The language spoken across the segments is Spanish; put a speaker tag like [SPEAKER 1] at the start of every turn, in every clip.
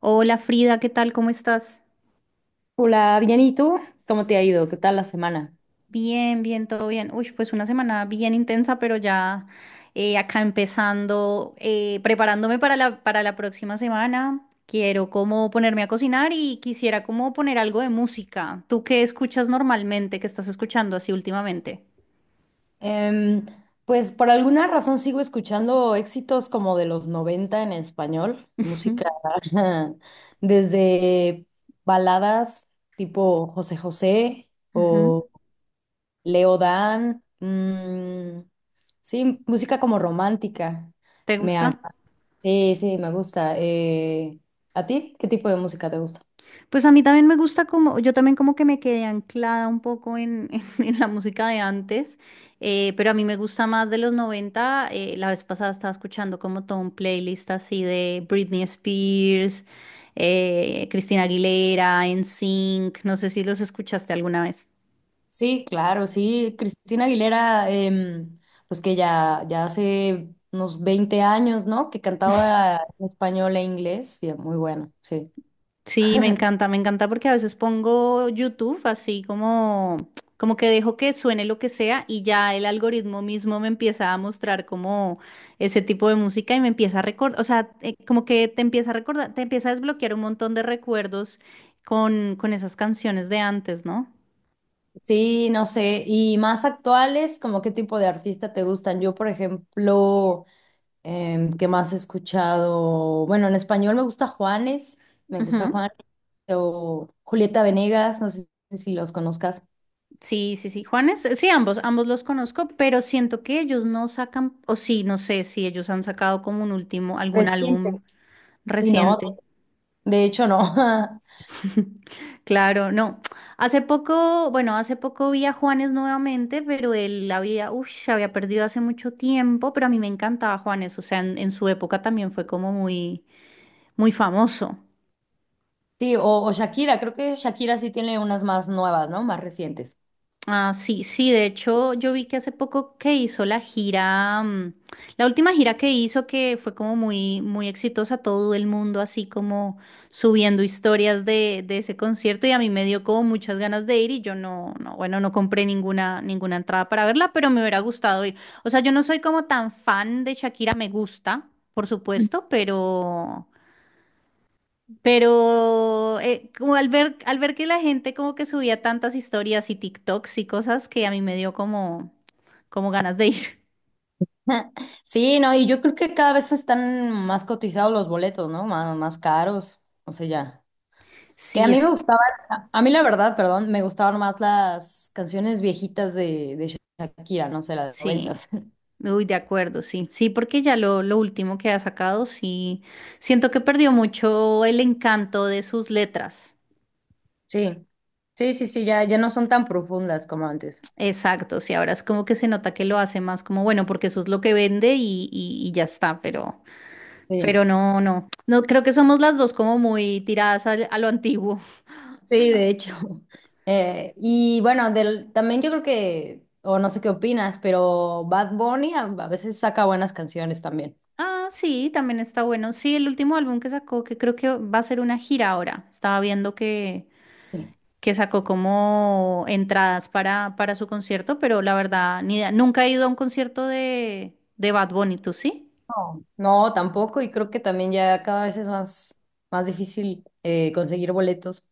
[SPEAKER 1] Hola Frida, ¿qué tal? ¿Cómo estás?
[SPEAKER 2] Hola, bien, ¿y tú? ¿Cómo te ha ido? ¿Qué tal la semana?
[SPEAKER 1] Bien, bien, todo bien. Uy, pues una semana bien intensa, pero ya acá empezando, preparándome para la próxima semana. Quiero como ponerme a cocinar y quisiera como poner algo de música. ¿Tú qué escuchas normalmente? ¿Qué estás escuchando así últimamente?
[SPEAKER 2] Em, pues por alguna razón sigo escuchando éxitos como de los 90 en español,
[SPEAKER 1] Ujú,
[SPEAKER 2] música desde baladas tipo José José
[SPEAKER 1] ujú.
[SPEAKER 2] o Leo Dan, mm, sí, música como romántica.
[SPEAKER 1] ¿Te
[SPEAKER 2] Me, ag-
[SPEAKER 1] gusta?
[SPEAKER 2] sí, sí, me gusta. ¿A ti? ¿Qué tipo de música te gusta?
[SPEAKER 1] Pues a mí también me gusta como, yo también como que me quedé anclada un poco en, la música de antes, pero a mí me gusta más de los 90. La vez pasada estaba escuchando como todo un playlist así de Britney Spears, Cristina Aguilera, NSYNC, no sé si los escuchaste alguna vez.
[SPEAKER 2] Sí, claro, sí. Cristina Aguilera, pues que ya hace unos 20 años, ¿no? Que cantaba en español e inglés, y muy bueno, sí.
[SPEAKER 1] Sí, me encanta porque a veces pongo YouTube así como, como que dejo que suene lo que sea y ya el algoritmo mismo me empieza a mostrar como ese tipo de música y me empieza a recordar, o sea, como que te empieza a recordar, te empieza a desbloquear un montón de recuerdos con esas canciones de antes, ¿no?
[SPEAKER 2] Sí, no sé. Y más actuales, ¿como qué tipo de artista te gustan? Yo, por ejemplo, ¿qué más he escuchado? Bueno, en español me gusta Juanes, me gusta
[SPEAKER 1] Ujú.
[SPEAKER 2] Juanes, o Julieta Venegas, no sé si los conozcas.
[SPEAKER 1] Sí, sí, sí, Juanes, sí, ambos los conozco, pero siento que ellos no sacan, o sí, no sé si ellos han sacado como un último, algún
[SPEAKER 2] Reciente.
[SPEAKER 1] álbum
[SPEAKER 2] Sí, no,
[SPEAKER 1] reciente.
[SPEAKER 2] de hecho no.
[SPEAKER 1] Claro, no. Hace poco vi a Juanes nuevamente, pero se había perdido hace mucho tiempo, pero a mí me encantaba Juanes, o sea, en su época también fue como muy, muy famoso.
[SPEAKER 2] Sí, o Shakira, creo que Shakira sí tiene unas más nuevas, ¿no? Más recientes.
[SPEAKER 1] Ah, sí, sí, de hecho yo vi que hace poco que hizo la gira, la última gira que hizo que fue como muy, muy exitosa, todo el mundo así como subiendo historias de ese concierto y a mí me dio como muchas ganas de ir y yo no compré ninguna entrada para verla, pero me hubiera gustado ir. O sea, yo no soy como tan fan de Shakira, me gusta, por supuesto, pero... Pero como al ver que la gente como que subía tantas historias y TikToks y cosas que a mí me dio como ganas de ir.
[SPEAKER 2] Sí, no, y yo creo que cada vez están más cotizados los boletos, ¿no? Más caros, o sea, ya. Que a
[SPEAKER 1] Sí,
[SPEAKER 2] mí me gustaban, A mí la verdad, perdón, me gustaban más las canciones viejitas de Shakira, no sé, las
[SPEAKER 1] sí.
[SPEAKER 2] noventas.
[SPEAKER 1] Uy, de acuerdo, sí. Sí, porque ya lo último que ha sacado, sí. Siento que perdió mucho el encanto de sus letras.
[SPEAKER 2] Sí, sí, ya no son tan profundas como antes.
[SPEAKER 1] Exacto, sí, ahora es como que se nota que lo hace más como, bueno, porque eso es lo que vende y ya está,
[SPEAKER 2] Sí.
[SPEAKER 1] pero no, no. No, creo que somos las dos como muy tiradas a lo antiguo.
[SPEAKER 2] Sí, de hecho. Y bueno, también yo creo que, o no sé qué opinas, pero Bad Bunny a veces saca buenas canciones también.
[SPEAKER 1] Ah, sí, también está bueno. Sí, el último álbum que sacó, que creo que va a ser una gira ahora. Estaba viendo que,
[SPEAKER 2] Sí.
[SPEAKER 1] que sacó como entradas para su concierto, pero la verdad, ni idea. Nunca he ido a un concierto de Bad Bunny, ¿tú sí?
[SPEAKER 2] No. No, tampoco, y creo que también ya cada vez es más difícil conseguir boletos.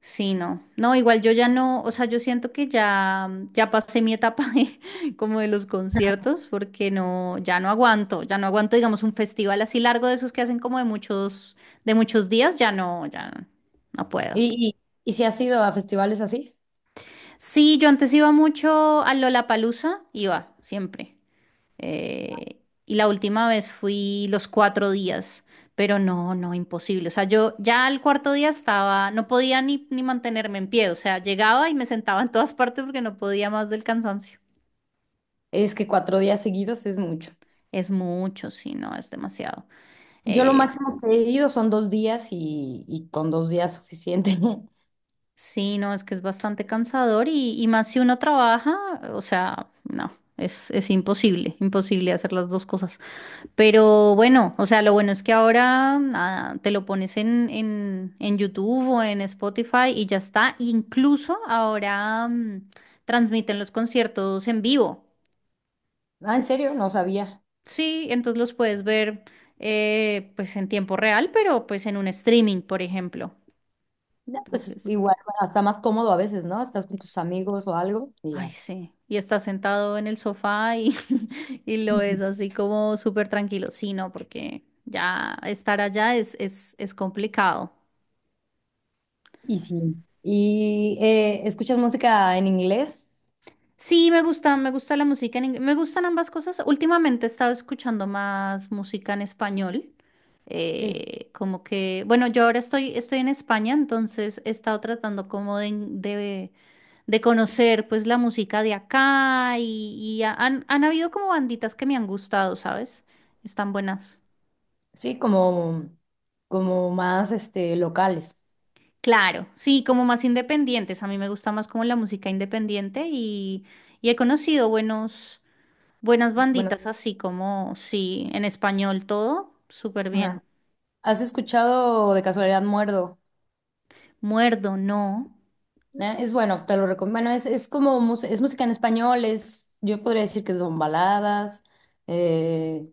[SPEAKER 1] Sí, no. No, igual yo ya no, o sea, yo siento que ya pasé mi etapa como de los conciertos, porque no, ya no aguanto, digamos, un festival así largo de esos que hacen como de muchos, días, ya no, ya no puedo.
[SPEAKER 2] Y, y si has ido a festivales así,
[SPEAKER 1] Sí, yo antes iba mucho a Lollapalooza, iba siempre. Y la última vez fui los 4 días, pero no, no, imposible. O sea, yo ya al cuarto día estaba, no podía ni mantenerme en pie. O sea, llegaba y me sentaba en todas partes porque no podía más del cansancio.
[SPEAKER 2] es que 4 días seguidos es mucho.
[SPEAKER 1] Es mucho, sí, no, es demasiado.
[SPEAKER 2] Yo lo
[SPEAKER 1] Eh,
[SPEAKER 2] máximo que he ido son 2 días y con 2 días suficiente.
[SPEAKER 1] sí, no, es que es bastante cansador y más si uno trabaja, o sea, no, es imposible, imposible hacer las dos cosas. Pero bueno, o sea, lo bueno es que ahora nada, te lo pones en YouTube o en Spotify y ya está. Incluso ahora transmiten los conciertos en vivo.
[SPEAKER 2] Ah, ¿en serio? No sabía.
[SPEAKER 1] Sí, entonces los puedes ver pues en tiempo real, pero pues en un streaming, por ejemplo.
[SPEAKER 2] No, pues
[SPEAKER 1] Entonces,
[SPEAKER 2] igual, bueno, está más cómodo a veces, ¿no? Estás con tus amigos o algo y
[SPEAKER 1] ay,
[SPEAKER 2] ya.
[SPEAKER 1] sí. Y estás sentado en el sofá y, y lo ves
[SPEAKER 2] Ujú.
[SPEAKER 1] así como súper tranquilo. Sí, no, porque ya estar allá es complicado.
[SPEAKER 2] Y sí. ¿Y escuchas música en inglés?
[SPEAKER 1] Sí, me gusta la música en inglés. Me gustan ambas cosas. Últimamente he estado escuchando más música en español.
[SPEAKER 2] Sí,
[SPEAKER 1] Como que, bueno, yo ahora estoy en España, entonces he estado tratando como de conocer pues la música de acá y han habido como banditas que me han gustado, ¿sabes? Están buenas.
[SPEAKER 2] sí, como más este, locales.
[SPEAKER 1] Claro, sí, como más independientes. A mí me gusta más como la música independiente y he conocido buenos. Buenas
[SPEAKER 2] Bueno,
[SPEAKER 1] banditas, así como, sí, en español todo, súper bien.
[SPEAKER 2] ajá. ¿Has escuchado de casualidad Muerdo?
[SPEAKER 1] Muerdo, no.
[SPEAKER 2] Es bueno, te lo recomiendo. Bueno, es como es música en español, es, yo podría decir que son baladas, eh,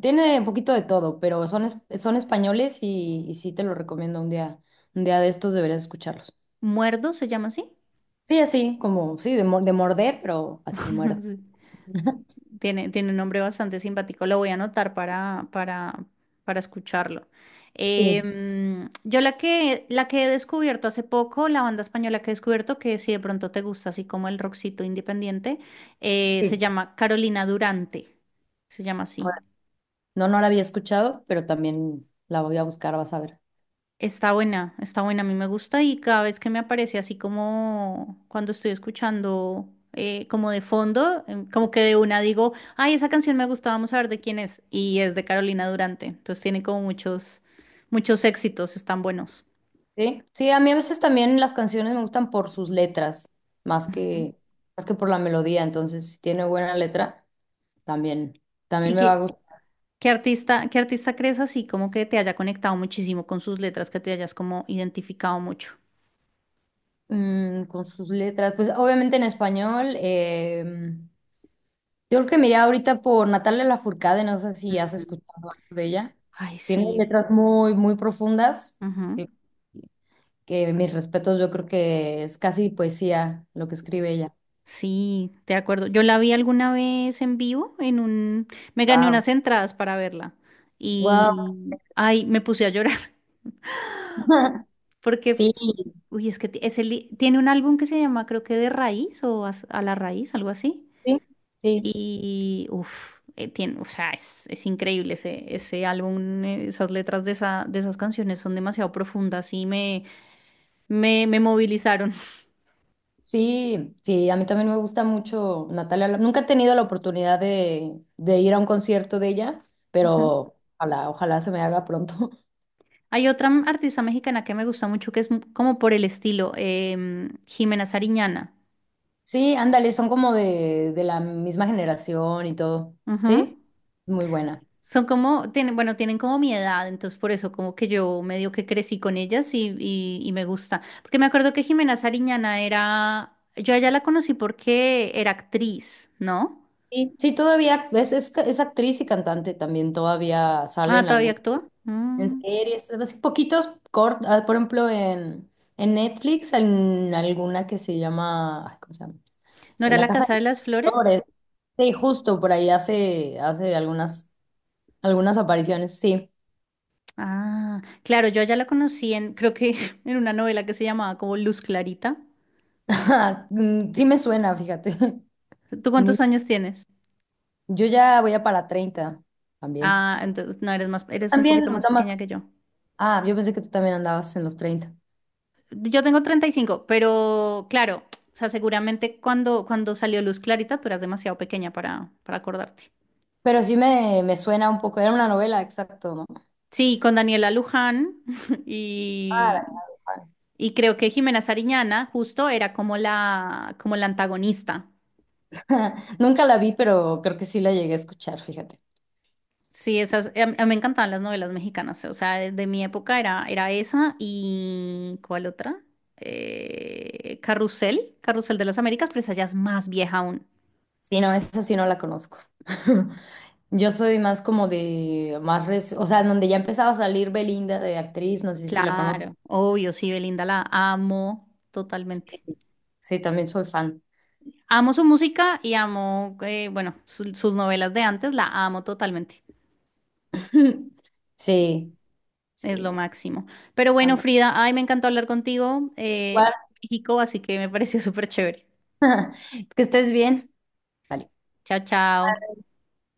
[SPEAKER 2] tiene un poquito de todo, pero son españoles y sí te lo recomiendo un día de estos deberías escucharlos.
[SPEAKER 1] Muerdo se llama así.
[SPEAKER 2] Sí, así, como, sí, de morder, pero así muerdo.
[SPEAKER 1] Sí. Tiene un nombre bastante simpático. Lo voy a anotar para, para escucharlo.
[SPEAKER 2] Sí,
[SPEAKER 1] Yo la que he descubierto hace poco, la banda española que he descubierto, que si de pronto te gusta, así como el rockcito independiente, se
[SPEAKER 2] sí.
[SPEAKER 1] llama Carolina Durante. Se llama así.
[SPEAKER 2] Ahora, no, no la había escuchado, pero también la voy a buscar, vas a ver.
[SPEAKER 1] Está buena, a mí me gusta y cada vez que me aparece así como cuando estoy escuchando como de fondo, como que de una digo, ay, esa canción me gusta, vamos a ver de quién es. Y es de Carolina Durante, entonces tiene como muchos, muchos éxitos, están buenos.
[SPEAKER 2] Sí, sí, a mí a veces también las canciones me gustan por sus letras, más
[SPEAKER 1] Ujú.
[SPEAKER 2] que, más que por la melodía, entonces si tiene buena letra. También, También
[SPEAKER 1] ¿Y
[SPEAKER 2] me va a
[SPEAKER 1] qué,
[SPEAKER 2] gustar
[SPEAKER 1] qué artista, qué artista crees así como que te haya conectado muchísimo con sus letras, que te hayas como identificado mucho?
[SPEAKER 2] mm, con sus letras. Pues obviamente en español, yo creo que miré ahorita por Natalia Lafourcade, no sé si has
[SPEAKER 1] Mm.
[SPEAKER 2] escuchado algo de ella.
[SPEAKER 1] Ay,
[SPEAKER 2] Tiene
[SPEAKER 1] sí.
[SPEAKER 2] letras muy profundas,
[SPEAKER 1] Ujú.
[SPEAKER 2] que, que mis respetos, yo creo que es casi poesía lo que escribe ella.
[SPEAKER 1] Sí, de acuerdo. Yo la vi alguna vez en vivo Me gané
[SPEAKER 2] Wow.
[SPEAKER 1] unas entradas para verla
[SPEAKER 2] Wow.
[SPEAKER 1] y... Ay, me puse a llorar. Porque... f-
[SPEAKER 2] Sí,
[SPEAKER 1] Uy, es que tiene un álbum que se llama, creo que De Raíz o A la Raíz, algo así.
[SPEAKER 2] sí, sí.
[SPEAKER 1] Y, tiene, o sea, es increíble ese álbum. Esas letras de esas canciones son demasiado profundas y me movilizaron.
[SPEAKER 2] Sí, sí, a mí también me gusta mucho Natalia. Nunca he tenido la oportunidad de ir a un concierto de ella, pero ojalá se me haga pronto.
[SPEAKER 1] Hay otra artista mexicana que me gusta mucho que es como por el estilo, Jimena Sariñana.
[SPEAKER 2] Sí, ándale, son como de la misma generación y todo. Sí,
[SPEAKER 1] Ujú.
[SPEAKER 2] muy buena.
[SPEAKER 1] Son como, tienen como mi edad, entonces por eso como que yo medio que crecí con ellas y me gusta. Porque me acuerdo que Jimena Sariñana yo a ella la conocí porque era actriz, ¿no?
[SPEAKER 2] Sí, sí, todavía es actriz y cantante también, todavía sale
[SPEAKER 1] Ah,
[SPEAKER 2] en
[SPEAKER 1] ¿todavía
[SPEAKER 2] algún,
[SPEAKER 1] actúa?
[SPEAKER 2] en
[SPEAKER 1] Mm.
[SPEAKER 2] series, así poquitos cortos, por ejemplo, en Netflix, en alguna que se llama, ay, ¿cómo se llama?
[SPEAKER 1] ¿No
[SPEAKER 2] En
[SPEAKER 1] era
[SPEAKER 2] La
[SPEAKER 1] La
[SPEAKER 2] Casa
[SPEAKER 1] Casa de las Flores?
[SPEAKER 2] Flores. Sí, justo por ahí hace algunas, algunas apariciones, sí.
[SPEAKER 1] Ah, claro, yo a ella la conocí en, creo que en una novela que se llamaba como Luz Clarita.
[SPEAKER 2] Ajá. Mm, sí me suena, fíjate.
[SPEAKER 1] ¿Tú
[SPEAKER 2] Muy-
[SPEAKER 1] cuántos años tienes?
[SPEAKER 2] Yo ya voy a para 30, también.
[SPEAKER 1] Ah, entonces no eres más, eres un
[SPEAKER 2] También,
[SPEAKER 1] poquito
[SPEAKER 2] no,
[SPEAKER 1] más
[SPEAKER 2] Tomás.
[SPEAKER 1] pequeña que yo.
[SPEAKER 2] Ah, yo pensé que tú también andabas en los 30.
[SPEAKER 1] Yo tengo 35, pero claro, o sea, seguramente cuando salió Luz Clarita, tú eras demasiado pequeña para, acordarte.
[SPEAKER 2] Pero me suena un poco. Era una novela, exacto, ¿no?
[SPEAKER 1] Sí, con Daniela Luján
[SPEAKER 2] Ah,
[SPEAKER 1] y,
[SPEAKER 2] la de
[SPEAKER 1] y creo que Jimena Sariñana justo era como como la antagonista.
[SPEAKER 2] Juan. Nunca la vi, pero creo que sí la llegué a escuchar, fíjate.
[SPEAKER 1] Sí, esas, a mí me encantaban las novelas mexicanas, o sea, de mi época era esa y ¿cuál otra? Carrusel de las Américas, pero esa ya es más vieja aún.
[SPEAKER 2] Sí, no, esa sí no la conozco. Yo soy más como o sea, donde ya empezaba a salir Belinda de actriz, no sé si la conozco.
[SPEAKER 1] Claro, obvio, sí, Belinda la amo
[SPEAKER 2] Sí,
[SPEAKER 1] totalmente.
[SPEAKER 2] sí, también soy fan.
[SPEAKER 1] Amo su música y amo, bueno, sus novelas de antes, la amo totalmente.
[SPEAKER 2] Sí,
[SPEAKER 1] Es
[SPEAKER 2] sí,
[SPEAKER 1] lo
[SPEAKER 2] la-
[SPEAKER 1] máximo. Pero
[SPEAKER 2] Tan
[SPEAKER 1] bueno,
[SPEAKER 2] buena.
[SPEAKER 1] Frida, ay, me encantó hablar contigo,
[SPEAKER 2] Igual,
[SPEAKER 1] amo México, así que me pareció súper chévere.
[SPEAKER 2] que estés bien. Vale.
[SPEAKER 1] Chao, chao.